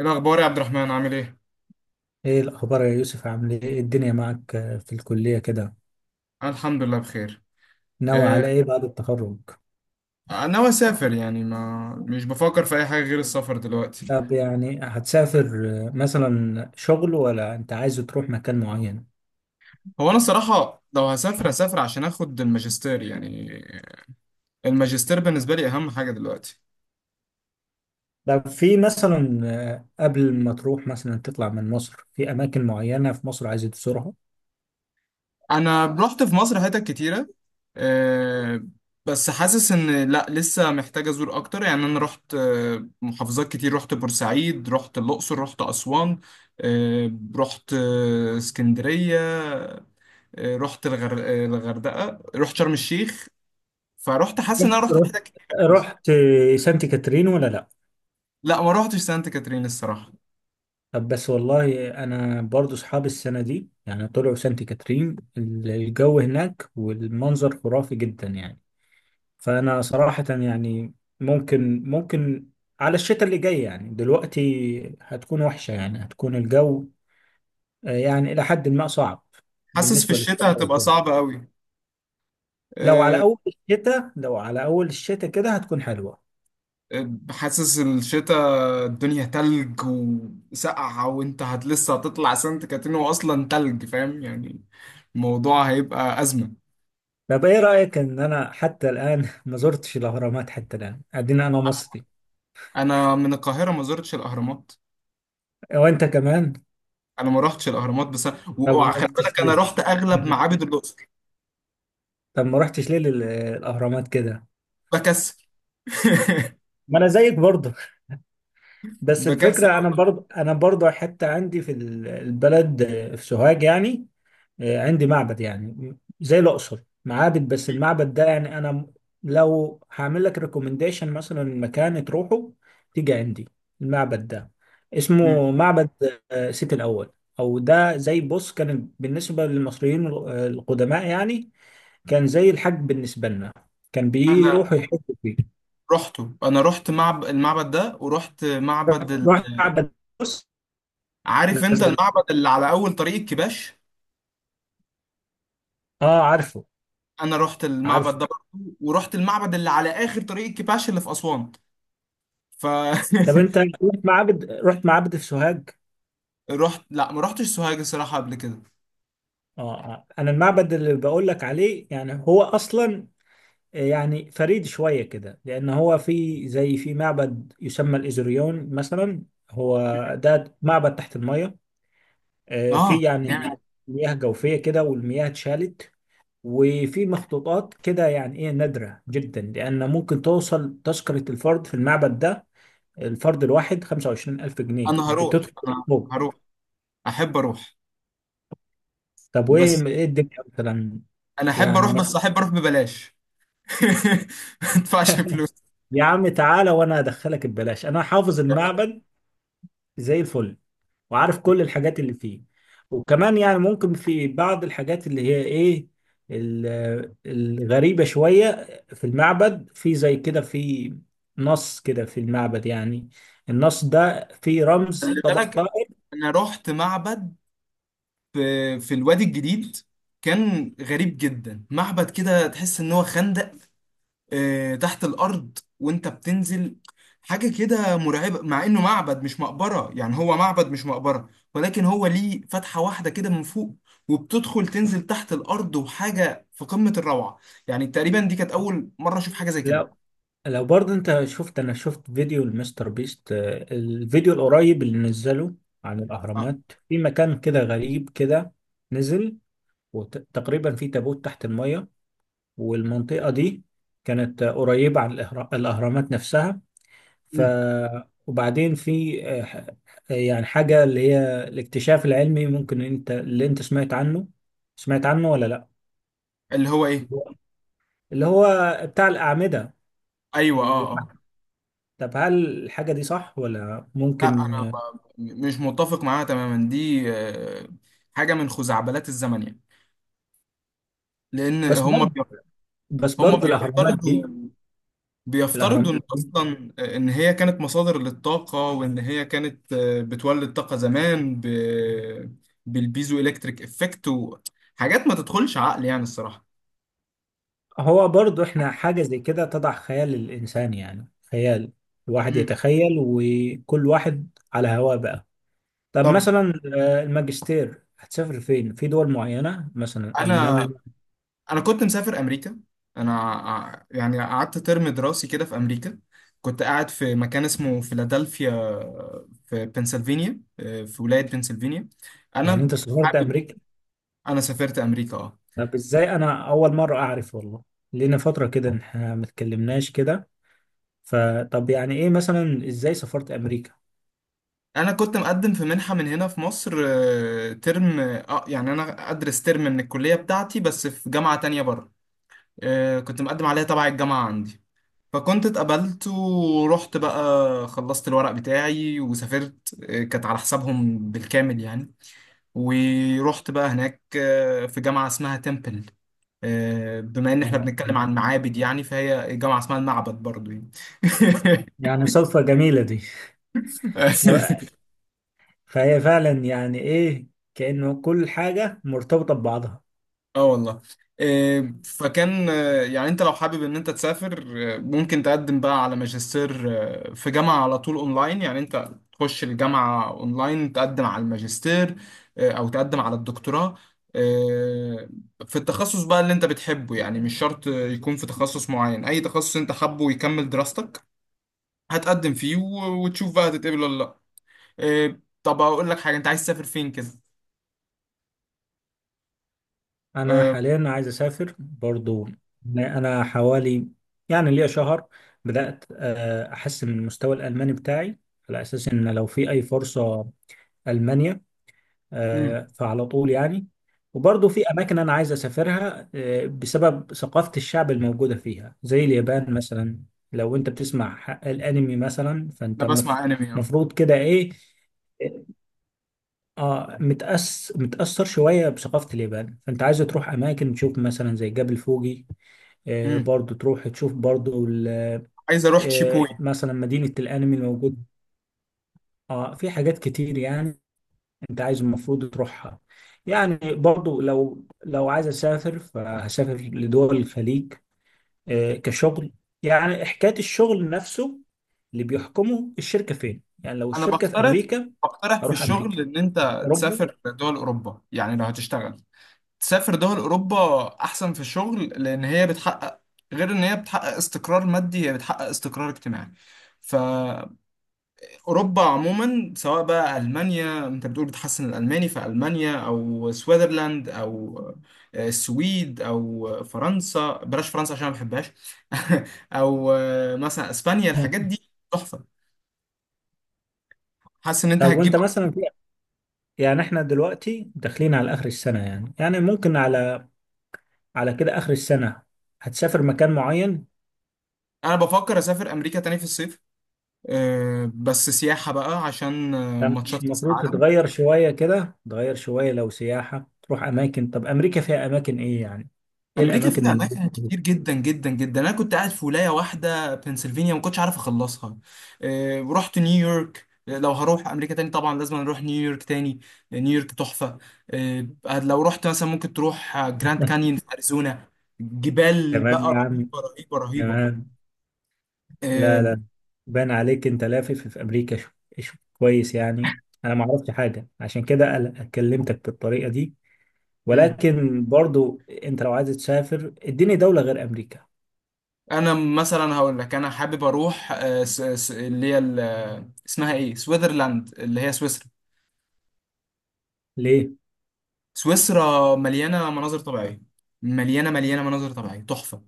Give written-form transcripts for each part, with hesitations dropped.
إيه الأخبار يا عبد الرحمن عامل إيه؟ ايه الاخبار يا يوسف؟ عامل ايه؟ إيه الدنيا معك؟ في الكلية كده. الحمد لله بخير. ناوي آه، على ايه بعد التخرج؟ أنا ناوي أسافر، يعني ما مش بفكر في أي حاجة غير السفر دلوقتي. طب يعني هتسافر، مثلا شغل ولا انت عايز تروح مكان معين؟ هو أنا الصراحة لو هسافر هسافر عشان آخد الماجستير. يعني الماجستير بالنسبة لي أهم حاجة دلوقتي. طب في مثلا، قبل ما تروح مثلا تطلع من مصر، في اماكن معينة في مصر عايز تزورها؟ أنا رحت في مصر حتت كتيرة، آه، بس حاسس إن لأ، لسه محتاج أزور أكتر. يعني أنا رحت محافظات كتير، رحت بورسعيد، رحت الأقصر، رحت أسوان، رحت اسكندرية، رحت الغردقه، رحت شرم الشيخ. فرحت حاسس ان انا رحت رحت حتت كتير في مصر. رحت سانت كاترين ولا لا؟ لا، ما رحتش سانت كاترين الصراحه. طب بس والله انا برضو اصحابي السنة دي يعني طلعوا سانت كاترين، الجو هناك والمنظر خرافي جدا يعني. فانا صراحة يعني ممكن على الشتاء اللي جاي، يعني دلوقتي هتكون وحشة، يعني هتكون الجو يعني الى حد ما صعب حاسس في بالنسبة للسفر الشتاء هتبقى وكده. صعبه قوي. لو على آه، اول الشتاء لو على اول الشتاء كده هتكون حلوة. حاسس الشتاء الدنيا تلج وسقعة، وانت لسه هتطلع سانت كاترين، واصلا تلج، فاهم يعني. الموضوع هيبقى أزمة. طب ايه رأيك ان انا حتى الان ما زرتش الاهرامات حتى الان؟ ادينا انا مصري. انا من القاهرة، ما زرتش الاهرامات. وانت كمان؟ انا ما رحتش الاهرامات بس. طب ما وخلي رحتش بالك انا ليه؟ رحت اغلب معابد الاقصر. طب ما رحتش ليه للاهرامات كده؟ بكسل. ما انا زيك برضه. بس بكسل الفكرة أنا أروح. برضه أنا برضه حتى عندي في البلد، في سوهاج يعني. عندي معبد يعني زي الأقصر معابد، بس المعبد ده يعني لو هعمل لك ريكومنديشن مثلا مكان تروحه، تيجي عندي. المعبد ده مم. اسمه معبد سيتي الأول. أو ده زي بص، كان بالنسبة للمصريين القدماء يعني، كان زي الحج بالنسبة لنا، كان انا بيروحوا يحجوا فيه. رحته، انا المعبد ده، ورحت معبد رحت ال... رحت معبد، بص. عارف انت قصدك؟ المعبد اللي على اول طريق الكباش؟ اه عارفه. انا رحت المعبد عارفه. ده برضه، ورحت المعبد اللي على اخر طريق الكباش اللي في اسوان. ف طب انت رحت معبد، رحت معبد في سوهاج؟ رحت. لا، ما رحتش سوهاج الصراحه قبل كده. اه انا المعبد اللي بقول لك عليه يعني هو اصلا يعني فريد شويه كده، لان هو في زي في معبد يسمى الايزوريون مثلا. هو ده معبد تحت الميه، في اه يعني جامد. مياه جوفيه كده والمياه اتشالت. وفي مخطوطات كده يعني ايه نادره جدا، لان ممكن توصل تذكره الفرد في المعبد ده الفرد الواحد 25000 جنيه انا هروح، بتدخل. انا هروح، احب اروح طب بس. وايه ايه الدنيا مثلا؟ يعني مثلا. احب اروح ببلاش. ما ادفعش فلوس. يا عم تعالى وانا ادخلك ببلاش، انا حافظ المعبد زي الفل، وعارف كل الحاجات اللي فيه. وكمان يعني ممكن في بعض الحاجات اللي هي ايه، الغريبة شوية. في المعبد في زي كده في نص كده في المعبد يعني النص ده فيه رمز خلي طبق. بالك انا رحت معبد في الوادي الجديد. كان غريب جدا، معبد كده تحس ان هو خندق، تحت الارض وانت بتنزل. حاجة كده مرعبة، مع انه معبد مش مقبرة، يعني هو معبد مش مقبرة، ولكن هو ليه فتحة واحدة كده من فوق، وبتدخل تنزل تحت الارض، وحاجة في قمة الروعة. يعني تقريبا دي كانت اول مرة اشوف حاجة زي كده. لو لو برضه انت شفت، انا شفت فيديو المستر بيست، الفيديو القريب اللي نزله عن آه. الاهرامات. في مكان كده غريب كده، نزل، وتقريبا في تابوت تحت المية، والمنطقة دي كانت قريبة عن الاهرامات نفسها. ف مم. وبعدين في يعني حاجة اللي هي الاكتشاف العلمي، ممكن انت اللي انت سمعت عنه ولا لا؟ اللي هو ايه؟ اللي هو بتاع الأعمدة. ايوه، اه اه. طب هل الحاجة دي صح ولا ممكن؟ انا مش متفق معاها تماما دي. حاجة من خزعبلات الزمن يعني. لان بس برضه بس هم برضه الأهرامات دي بيفترضوا، بيفترضوا الأهرامات ان دي اصلا ان هي كانت مصادر للطاقه، وان هي كانت بتولد طاقه زمان بالبيزو الكتريك افكت، وحاجات ما تدخلش عقل يعني الصراحه. هو برضه إحنا حاجة زي كده تضع خيال الإنسان، يعني خيال الواحد مم. يتخيل وكل واحد على هواه بقى. طب طب مثلا الماجستير هتسافر فين؟ في دول معينة مثلا انا، ألمانيا؟ انا كنت مسافر امريكا. يعني قعدت ترم دراسي كده في امريكا، كنت قاعد في مكان اسمه فيلادلفيا، في بنسلفانيا، في ولايه بنسلفانيا. يعني أنت انا سافرت حابب، أمريكا؟ انا سافرت امريكا اه. طب إزاي؟ أنا أول مرة أعرف والله. لينا فترة كده إحنا ما اتكلمناش كده. فطب يعني إيه مثلا، إزاي سافرت انا كنت مقدم في منحة من هنا في مصر، ترم، اه يعني انا ادرس ترم من الكلية بتاعتي بس في جامعة تانية بره. كنت مقدم عليها تبع الجامعة عندي، فكنت اتقبلت ورحت بقى. خلصت الورق بتاعي وسافرت، كانت على حسابهم بالكامل يعني. ورحت بقى هناك، في جامعة اسمها تمبل. بما ان احنا أمريكا؟ بنتكلم عن معابد يعني، فهي جامعة اسمها المعبد برضو يعني. يعني صدفة جميلة دي. ف- فهي فعلا يعني ايه، كأنه كل حاجة مرتبطة ببعضها. اه والله. إيه، فكان، يعني انت لو حابب ان انت تسافر، ممكن تقدم بقى على ماجستير، في جامعة على طول اونلاين. يعني انت تخش الجامعة اونلاين، تقدم على الماجستير، او تقدم على الدكتوراه، آه، في التخصص بقى اللي انت بتحبه. يعني مش شرط يكون في تخصص معين، اي تخصص انت حابه ويكمل دراستك هتقدم فيه، وتشوف بقى هتتقبل ولا لا. إيه، طب اقول لك حاجة، انت عايز تسافر فين كده؟ انا آه، حاليا عايز اسافر برضو. انا حوالي يعني ليا شهر بدأت احسن من المستوى الالماني بتاعي، على اساس ان لو في اي فرصة المانيا، مم، فعلى طول يعني. وبرضه في أماكن أنا عايز أسافرها بسبب ثقافة الشعب الموجودة فيها زي اليابان مثلا. لو أنت بتسمع الأنمي مثلا فأنت انا بسمع انمي اه. المفروض كده إيه، آه، متأثر شوية بثقافة اليابان، فأنت عايز تروح أماكن تشوف مثلا زي جبل فوجي. آه مم. برضو تروح تشوف برضو عايز اروح تشيبوي. آه مثلا مدينة الأنمي الموجود. آه في حاجات كتير يعني انت عايز المفروض تروحها. يعني برضو لو عايز اسافر فهسافر لدول الخليج، كشغل. يعني حكاية الشغل نفسه اللي بيحكمه الشركة فين، يعني لو انا الشركة في بقترح، امريكا بقترح في اروح الشغل امريكا، ان انت اوروبا. تسافر دول اوروبا. يعني لو هتشتغل تسافر دول اوروبا احسن في الشغل، لان هي بتحقق، غير ان هي بتحقق استقرار مادي، هي بتحقق استقرار اجتماعي. فاوروبا عموما، سواء بقى المانيا، انت بتقول بتحسن الالماني في المانيا، او سويسرلاند، او السويد، او فرنسا، بلاش فرنسا عشان ما بحبهاش. او مثلا اسبانيا، الحاجات دي تحفه. حاسس ان انت طب هتجيب. وانت مثلا في، يعني احنا دلوقتي داخلين على اخر السنة، يعني يعني ممكن على على كده اخر السنة هتسافر مكان معين؟ انا بفكر اسافر امريكا تاني في الصيف، أه بس سياحه بقى عشان ده مش ماتشات كاس المفروض العالم. تتغير شوية كده، تغير شوية لو سياحة تروح أماكن. طب أمريكا فيها أماكن إيه يعني؟ إيه امريكا الأماكن فيها اللي... اماكن كتير جدا جدا جدا، انا كنت قاعد في ولايه واحده بنسلفانيا ما كنتش عارف اخلصها. أه رحت نيويورك، لو هروح امريكا تاني طبعا لازم اروح نيويورك تاني. نيويورك تحفه. أه لو رحت مثلا ممكن تروح جراند كانيون في اريزونا. جبال بقى تمام يا عم، رهيبه رهيبه رهيبه. تمام. لا أه لا، بان عليك أنت لافف في أمريكا شو. شو كويس يعني. أنا ما عرفتش حاجة عشان كده أنا كلمتك بالطريقة دي، مم. ولكن برضو أنت لو عايز تسافر اديني دولة غير أمريكا. انا مثلا هقول لك، انا حابب اروح، آه، س- س- اللي هي ال- آه، اسمها ايه، سويسرلاند، اللي هي سويسرا. ليه؟ سويسرا مليانه مناظر طبيعيه، مليانه مليانه مناظر طبيعيه تحفه.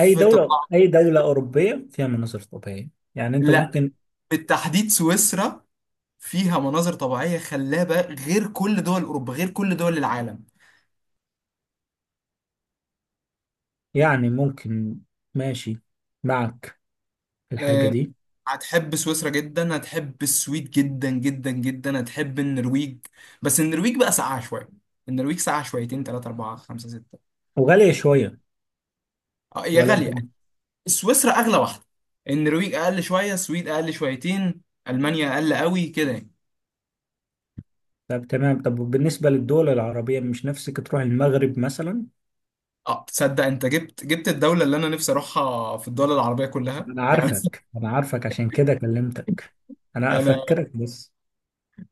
أي دولة الطبيعة. أي دولة أوروبية فيها مناظر طبيعية، يعني أنت لا، ممكن، بالتحديد سويسرا فيها مناظر طبيعيه خلابه، غير كل دول اوروبا، غير كل دول العالم. يعني ممكن. ماشي معك الحاجة آه، دي. هتحب سويسرا جدا، هتحب السويد جدا جدا جدا، هتحب النرويج، بس النرويج بقى ساقعه شويه. النرويج ساقعه شويتين، 3 4 5 6. وغالية شوية، اه هي ولا انت؟ غالية. سويسرا اغلى واحده، النرويج اقل شويه، السويد اقل شويتين، المانيا اقل قوي كده يعني. طب تمام. طب بالنسبة للدول العربية مش نفسك تروح المغرب مثلا؟ اه تصدق انت جبت جبت الدوله اللي انا نفسي اروحها في الدول العربيه كلها انا يعني. عارفك انا عارفك عشان كده كلمتك، انا انا، افكرك بس.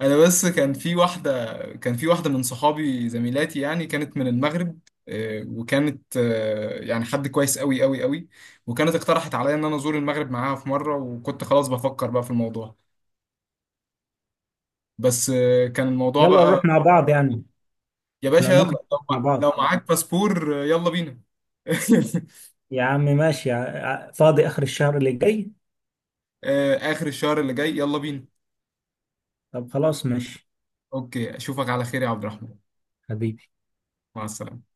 انا بس كان في واحده، كان في واحده من صحابي زميلاتي يعني، كانت من المغرب، وكانت يعني حد كويس قوي قوي قوي. وكانت اقترحت عليا ان انا ازور المغرب معاها في مره، وكنت خلاص بفكر بقى في الموضوع، بس كان الموضوع يلا نروح بقى. مع بعض يعني. يا احنا باشا يلا، ممكن نروح مع بعض. لو معاك باسبور يلا بينا. يا عم ماشي، فاضي اخر الشهر اللي جاي. آخر الشهر اللي جاي يلا بينا. طب خلاص ماشي. اوكي، اشوفك على خير يا عبد الرحمن. حبيبي. مع السلامة.